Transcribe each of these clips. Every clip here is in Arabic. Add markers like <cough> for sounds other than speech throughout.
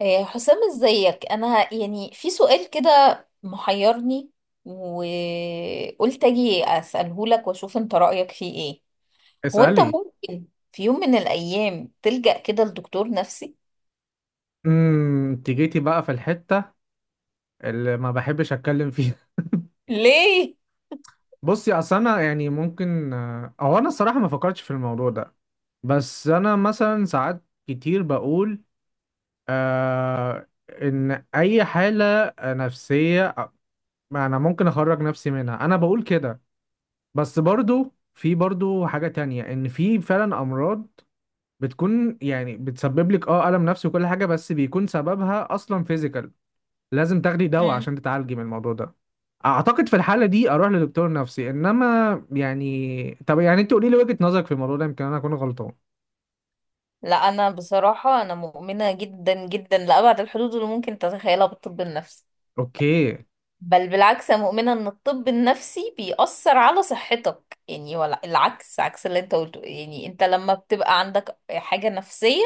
إيه، حسام ازيك. انا يعني في سؤال كده محيرني، وقلت اجي اساله لك واشوف انت رايك فيه ايه. هو انت اسألي ممكن في يوم من الايام تلجأ كده لدكتور نفسي انت جيتي بقى في الحتة اللي ما بحبش اتكلم فيها. ليه؟ <laughs> بصي، اصل انا يعني ممكن، او انا الصراحة ما فكرتش في الموضوع ده. بس انا مثلا ساعات كتير بقول آه، ان اي حالة نفسية، انا ممكن اخرج نفسي منها، انا بقول كده. بس برضو، في برضو حاجة تانية، ان في فعلا امراض بتكون يعني بتسبب لك الم نفسي وكل حاجة، بس بيكون سببها اصلا فيزيكال، لازم تاخدي دواء عشان مم. تتعالجي من الموضوع ده. اعتقد في الحاله دي اروح لدكتور نفسي، انما يعني طب، يعني انت قولي لي وجهه نظرك في الموضوع ده، يمكن انا اكون غلطان. لا انا بصراحه انا مؤمنه جدا جدا لابعد الحدود اللي ممكن تتخيلها بالطب النفسي. اوكي. بل بالعكس، انا مؤمنه ان الطب النفسي بيأثر على صحتك، يعني ولا العكس، عكس اللي انت قلته. يعني انت لما بتبقى عندك حاجه نفسيه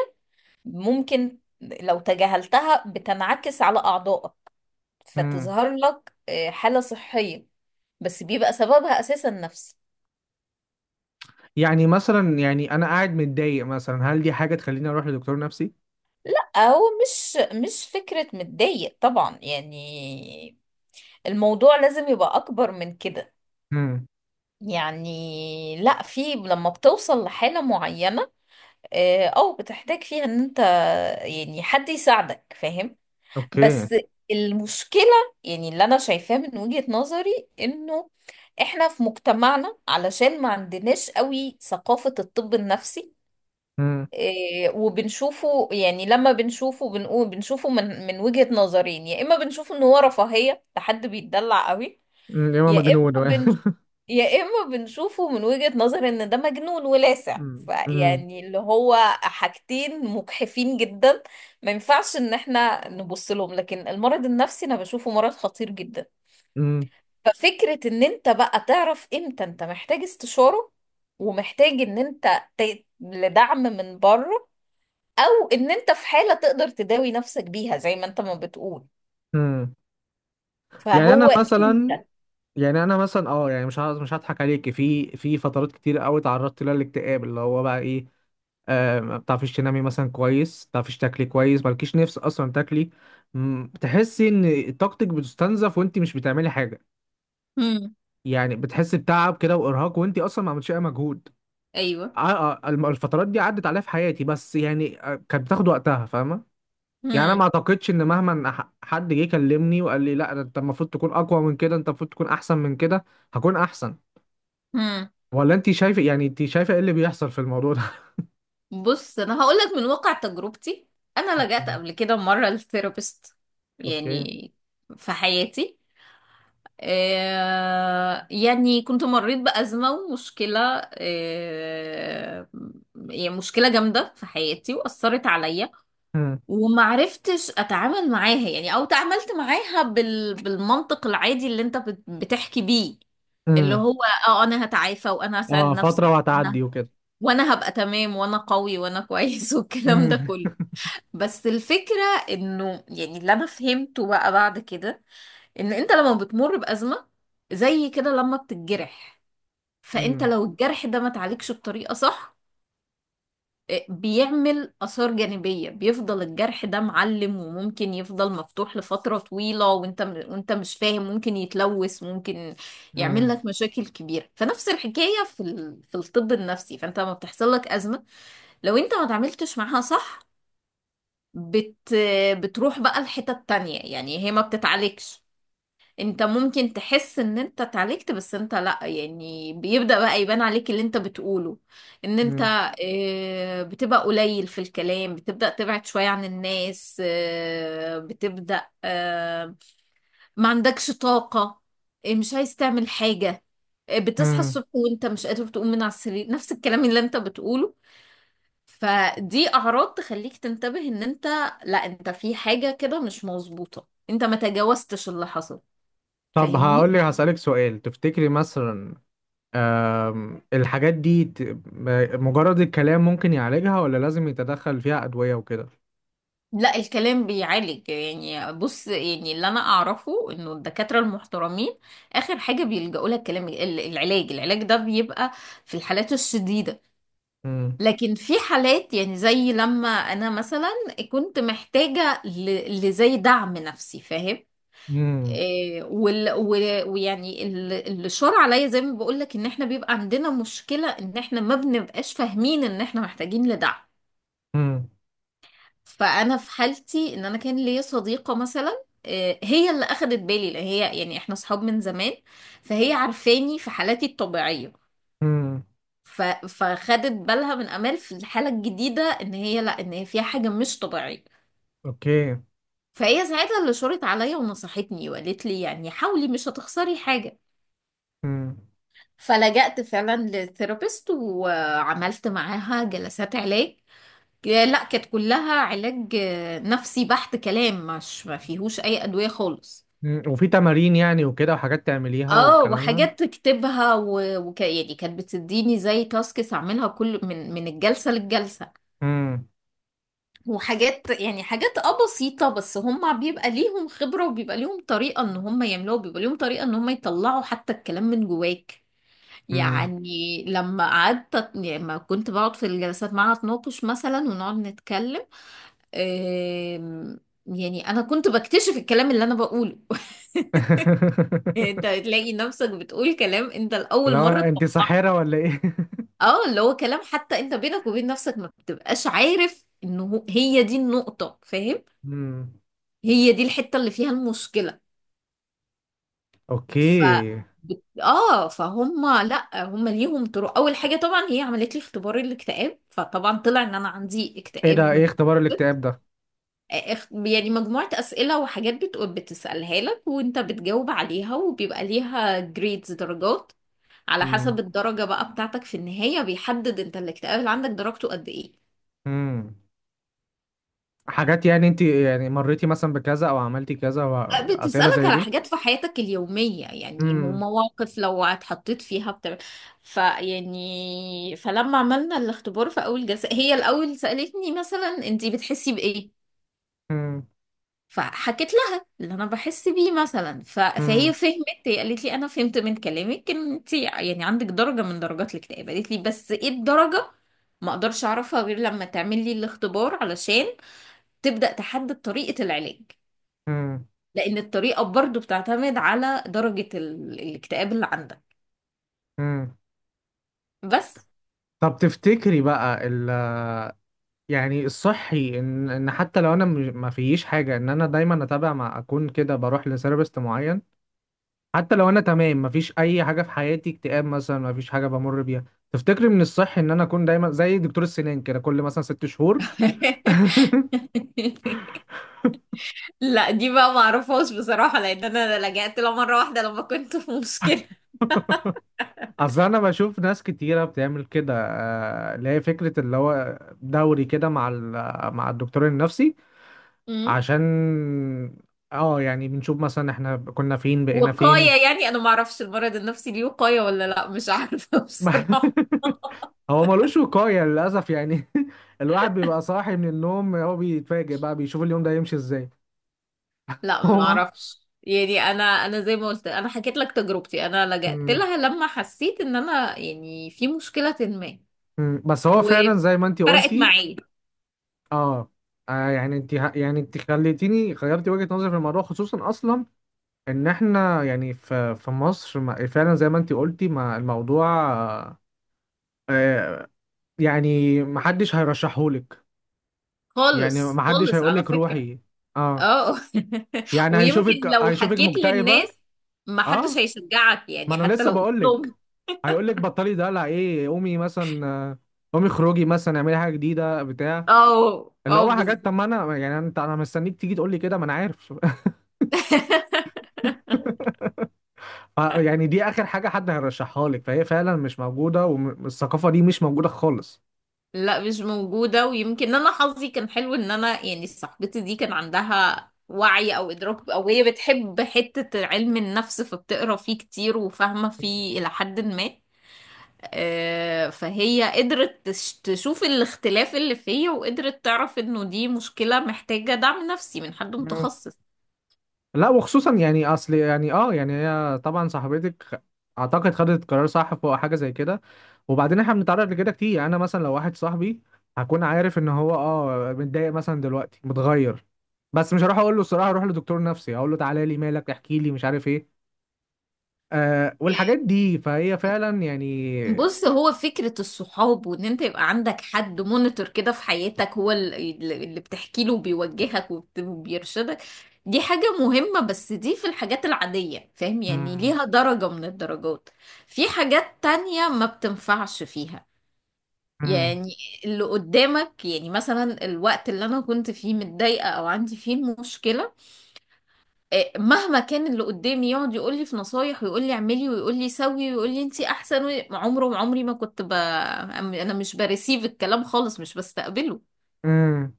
ممكن لو تجاهلتها بتنعكس على أعضائك، امم. فتظهر لك حالة صحية بس بيبقى سببها أساسا نفسي. يعني مثلا، يعني انا قاعد متضايق مثلا، هل دي حاجه تخليني اروح لدكتور نفسي؟ لا هو مش فكرة متضايق طبعا، يعني الموضوع لازم يبقى أكبر من كده. امم. يعني لا، في لما بتوصل لحالة معينة أو بتحتاج فيها إن أنت يعني حد يساعدك، فاهم؟ اوكي. بس المشكلة، يعني اللي أنا شايفاه من وجهة نظري إنه إحنا في مجتمعنا علشان ما عندناش قوي ثقافة الطب النفسي، امم. إيه، وبنشوفه. يعني لما بنشوفه بنقول، بنشوفه من وجهة نظرين، يا إما بنشوف إن هو رفاهية لحد بيتدلع قوي، أمم، يا إما يا مجنون. اما بن <laughs> يا اما بنشوفه من وجهة نظر ان ده مجنون ولاسع. امم. فيعني اللي هو حاجتين مجحفين جدا، ما ينفعش ان احنا نبص لهم. لكن المرض النفسي انا بشوفه مرض خطير جدا. امم. ففكرة ان انت بقى تعرف امتى انت محتاج استشارة ومحتاج ان انت لدعم من بره، او ان انت في حالة تقدر تداوي نفسك بيها زي ما انت ما بتقول. أمم. <laughs> يعني انا فهو مثلا، انت. اه يعني، مش هضحك عليك. في فترات كتير قوي تعرضت لها الاكتئاب، اللي هو بقى ايه، ما بتعرفيش تنامي مثلا كويس، ما بتعرفيش تاكلي كويس، مالكيش نفس اصلا تاكلي، بتحسي ان طاقتك بتستنزف وانت مش بتعملي حاجه، امم. يعني بتحسي بتعب كده وارهاق وانت اصلا ما عملتش اي مجهود، ايوه. آه، الفترات دي عدت عليا في حياتي، بس يعني كانت بتاخد وقتها، فاهمه؟ يعني انا ما اعتقدش ان، مهما حد جه كلمني وقال لي لا ده انت المفروض تكون اقوى من كده، انت المفروض تكون احسن من كده، هكون احسن. امم. ولا انت شايفه، يعني انت شايفه ايه اللي بيحصل في الموضوع ده؟ بص انا هقول لك من واقع تجربتي، انا لجأت اوكي. قبل كده مره للثيرابيست، اوكي. يعني في حياتي. آه يعني كنت مريت بأزمة ومشكلة، آه يعني مشكلة جامدة في حياتي وأثرت عليا، <laughs> ومعرفتش أتعامل معاها. يعني أو تعاملت معاها بالمنطق العادي اللي أنت بتحكي بيه، اللي مم. هو اه انا هتعافى وانا هساعد اه، فترة نفسي وهتعدي وكده. وانا هبقى تمام وانا قوي وانا كويس <laughs> والكلام ده مم. كله. بس الفكرة، انه يعني اللي انا فهمته بقى بعد كده، ان انت لما بتمر بأزمة زي كده لما بتتجرح، فانت مم. لو الجرح ده ما تعالجش بطريقة صح، إيه، بيعمل آثار جانبية، بيفضل الجرح ده معلم وممكن يفضل مفتوح لفترة طويلة وانت مش فاهم، ممكن يتلوث، ممكن يعمل مم. لك مشاكل كبيرة. فنفس الحكاية في في الطب النفسي. فانت لما بتحصل لك أزمة، لو انت ما تعملتش معاها صح، بت... بتروح بقى الحتة التانية، يعني هي ما بتتعالجش. انت ممكن تحس ان انت اتعالجت بس انت لا. يعني بيبدأ بقى يبان عليك اللي انت بتقوله، ان انت مم. اه، بتبقى قليل في الكلام، بتبدأ تبعد شوية عن الناس، اه، بتبدأ ما عندكش طاقة، اه، مش عايز تعمل حاجة، اه، بتصحى مم. الصبح وانت مش قادر تقوم من على السرير، نفس الكلام اللي انت بتقوله. فدي اعراض تخليك تنتبه ان انت، لا انت في حاجة كده مش مظبوطة، انت ما تجاوزتش اللي حصل، طب فاهمني؟ هقول لي، هسألك سؤال، تفتكري مثلا الحاجات دي، مجرد الكلام ممكن يعالجها، ولا لازم يتدخل فيها أدوية وكده؟ لا الكلام بيعالج. يعني بص يعني اللي انا اعرفه انه الدكاترة المحترمين اخر حاجة بيلجأوا لها الكلام. العلاج، العلاج ده بيبقى في الحالات الشديدة. مم. لكن في حالات، يعني زي لما انا مثلا كنت محتاجة لزي دعم نفسي، فاهم؟ مم. آه، وال... و- ويعني ال- اللي شار عليا زي ما بقولك، ان احنا بيبقى عندنا مشكلة ان احنا ما بنبقاش فاهمين ان احنا محتاجين لدعم. مم. فانا في حالتي، ان انا كان ليا صديقة مثلا، آه، هي اللي اخدت بالي، لان هي يعني احنا صحاب من زمان، فهي عارفاني في حالاتي الطبيعية. مم. فخدت بالها من امال، في الحالة الجديدة ان هي لا، ان هي فيها حاجة مش طبيعية. اوكي. فهي ساعتها اللي شارت عليا ونصحتني وقالت لي يعني حاولي، مش هتخسري حاجة. مم. فلجأت فعلا للثيرابيست وعملت معاها جلسات علاج. لا كانت كلها علاج نفسي بحت، كلام، مش ما فيهوش اي ادوية خالص. مم. وفي تمارين يعني وكده، وحاجات تعمليها اه والكلام ده. وحاجات تكتبها و يعني كانت بتديني زي تاسكس اعملها كل من الجلسة للجلسة. مم. وحاجات يعني حاجات اه بسيطة، بس هم بيبقى ليهم خبرة وبيبقى ليهم طريقة ان هم يعملوها، بيبقى ليهم طريقة ان هم يطلعوا حتى الكلام من جواك. مم. يعني لما قعدت أت- يعني لما كنت بقعد في الجلسات معاها اتناقش مثلا ونقعد نتكلم، آم، يعني انا كنت بكتشف الكلام اللي انا بقوله. <laughs> انت <laughs> تلاقي نفسك بتقول كلام انت لاول لو مره انت تطلعه، ساحرة ولا ايه؟ <laughs> اه اللي هو كلام حتى انت بينك وبين نفسك ما بتبقاش عارف انه هي دي النقطه، فاهم؟ مم. هي دي الحته اللي فيها المشكله. ف اوكي. بت- اه فهم لا هم ليهم طرق. اول حاجه طبعا هي عملت لي اختبار الاكتئاب، فطبعا طلع ان انا عندي ايه اكتئاب ده، ايه اختبار متوسط. الاكتئاب ده؟ يعني مجموعه اسئله وحاجات بتسالها لك وانت بتجاوب عليها، وبيبقى ليها جريدز درجات، على امم. حسب الدرجه بقى بتاعتك في النهايه بيحدد انت الاكتئاب اللي عندك درجته قد ايه. امم. حاجات يعني، انت يعني مريتي مثلا بكذا او عملتي كذا، واسئله بتسألك زي على دي. حاجات في حياتك اليومية، يعني امم. مواقف لو اتحطيت فيها بتبقى. فيعني فلما عملنا الاختبار في أول جلسة، هي الأول سألتني مثلا انتي بتحسي بإيه. امم. فحكيت لها اللي أنا بحس بيه مثلا، فهي امم. فهمت. هي قالت لي أنا فهمت من كلامك إن انتي يعني عندك درجة من درجات الاكتئاب، قالت لي بس إيه الدرجة ما أقدرش أعرفها غير لما تعملي الاختبار، علشان تبدأ تحدد طريقة العلاج. امم. لان الطريقه برضو بتعتمد على درجه الاكتئاب اللي عندك. امم. بس. طب تفتكري بقى، يعني، الصحي ان حتى لو انا ما فيش حاجه، ان انا دايما اتابع، مع اكون كده بروح لثيرابيست معين، حتى لو انا تمام ما فيش اي حاجه في حياتي، اكتئاب مثلا ما فيش حاجه بمر بيها، تفتكري من الصحي ان انا اكون دايما زي دكتور السنان كده كل مثلا 6 شهور؟ <laughs> <laughs> لا دي بقى معرفهاش بصراحه، لان انا لجأت لها مره واحده لما كنت في مشكله. اصل انا بشوف ناس كتيره بتعمل كده، اللي هي فكره اللي هو دوري كده مع مع الدكتور النفسي، أمم. عشان، اه يعني بنشوف مثلا احنا كنا فين، بقينا فين. وقايه يعني انا معرفش المرض النفسي ليه وقايه ولا لا، مش عارفه <laughs> بصراحه. <laughs> هو ملوش وقايه للاسف يعني، <laughs> الواحد بيبقى صاحي من النوم، هو بيتفاجئ بقى بيشوف اليوم ده يمشي ازاي. <laughs> لا ما هما. اعرفش، يعني انا انا زي ما قلت انا حكيت لك تجربتي، انا لجأت مم. لها لما حسيت ان انا يعني في مشكلة ما. مم. بس هو فعلا زي ما انتي وفرقت قلتي. معايا. اه. يعني انت، خليتيني غيرتي وجهة نظري في الموضوع، خصوصا اصلا ان احنا، يعني في في مصر، فعلا زي ما انت قلتي، ما الموضوع، آه، يعني محدش هيرشحهولك، يعني خالص محدش خالص على هيقولك فكرة. روحي. اه. اه. <laughs> يعني ويمكن هيشوفك، لو حكيت للناس مكتئبة. ما حدش اه، هيشجعك، ما يعني انا حتى لسه لو قلت بقولك، لهم. هيقولك بطلي دلع ايه، قومي مثلا، قومي خروجي مثلا، اعملي حاجة جديدة بتاع، اه. اللي اه هو حاجات. طب بالظبط. ما انا، يعني انت، انا مستنيك تيجي تقولي كده، ما انا عارف. <laughs> <laughs> يعني دي اخر حاجة حد هيرشحها لك، فهي فعلا مش موجودة، والثقافة دي مش موجودة خالص. لا مش موجودة. ويمكن انا حظي كان حلو ان انا يعني صاحبتي دي كان عندها وعي او ادراك، او هي بتحب حتة علم النفس فبتقرا فيه كتير وفاهمة فيه الى حد ما. آه، فهي قدرت تشوف الاختلاف اللي فيا، وقدرت تعرف انه دي مشكلة محتاجة دعم نفسي من حد متخصص. لا وخصوصا يعني، اصل يعني يعني، هي طبعا صاحبتك اعتقد خدت قرار صح فوق حاجه زي كده، وبعدين احنا بنتعرض لكده كتير، يعني انا مثلا لو واحد صاحبي، هكون عارف ان هو متضايق مثلا دلوقتي، متغير، بس مش هروح اقول له الصراحه اروح لدكتور نفسي، اقول له تعالى لي، مالك؟ احكي لي، مش عارف ايه، والحاجات آه، دي، فهي فعلا يعني. بص هو فكرة الصحاب وان انت يبقى عندك حد مونيتور كده في حياتك، هو اللي بتحكي له وبيوجهك وبيرشدك، دي حاجة مهمة. بس دي في الحاجات العادية، فاهم؟ يعني مم. ليها درجة من الدرجات. في حاجات تانية ما بتنفعش فيها. مم. يعني اللي قدامك، يعني مثلا الوقت اللي انا كنت فيه متضايقه او عندي فيه المشكله، آه، مهما كان اللي قدامي يقعد يقول لي في نصايح ويقول لي اعملي ويقول لي سوي ويقول لي انتي احسن عمره عمري ما كنت انا مش بريسيف الكلام خالص، مش بستقبله. مم.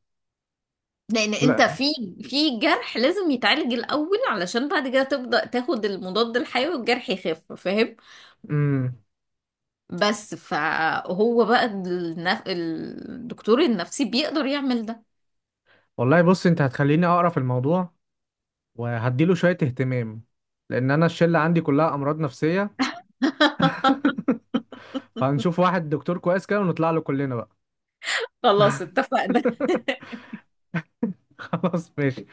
لان انت لا. في جرح لازم يتعالج الاول، علشان بعد كده تبدا تاخد المضاد الحيوي والجرح يخف، فاهم؟ مم. بس فهو بقى الدكتور النفسي بيقدر يعمل ده. والله بص، انت هتخليني اقرا في الموضوع وهديله شويه اهتمام، لان انا الشله عندي كلها امراض نفسيه، <laughs> هنشوف واحد دكتور كويس كده ونطلع له كلنا بقى. خلاص اتفقنا. <laughs> <laughs> خلاص ماشي.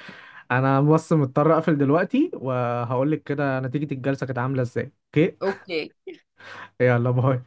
انا بس مضطر اقفل دلوقتي، وهقول لك كده نتيجة الجلسة كانت عاملة ازاي. اوكي. اوكي. يلا باي.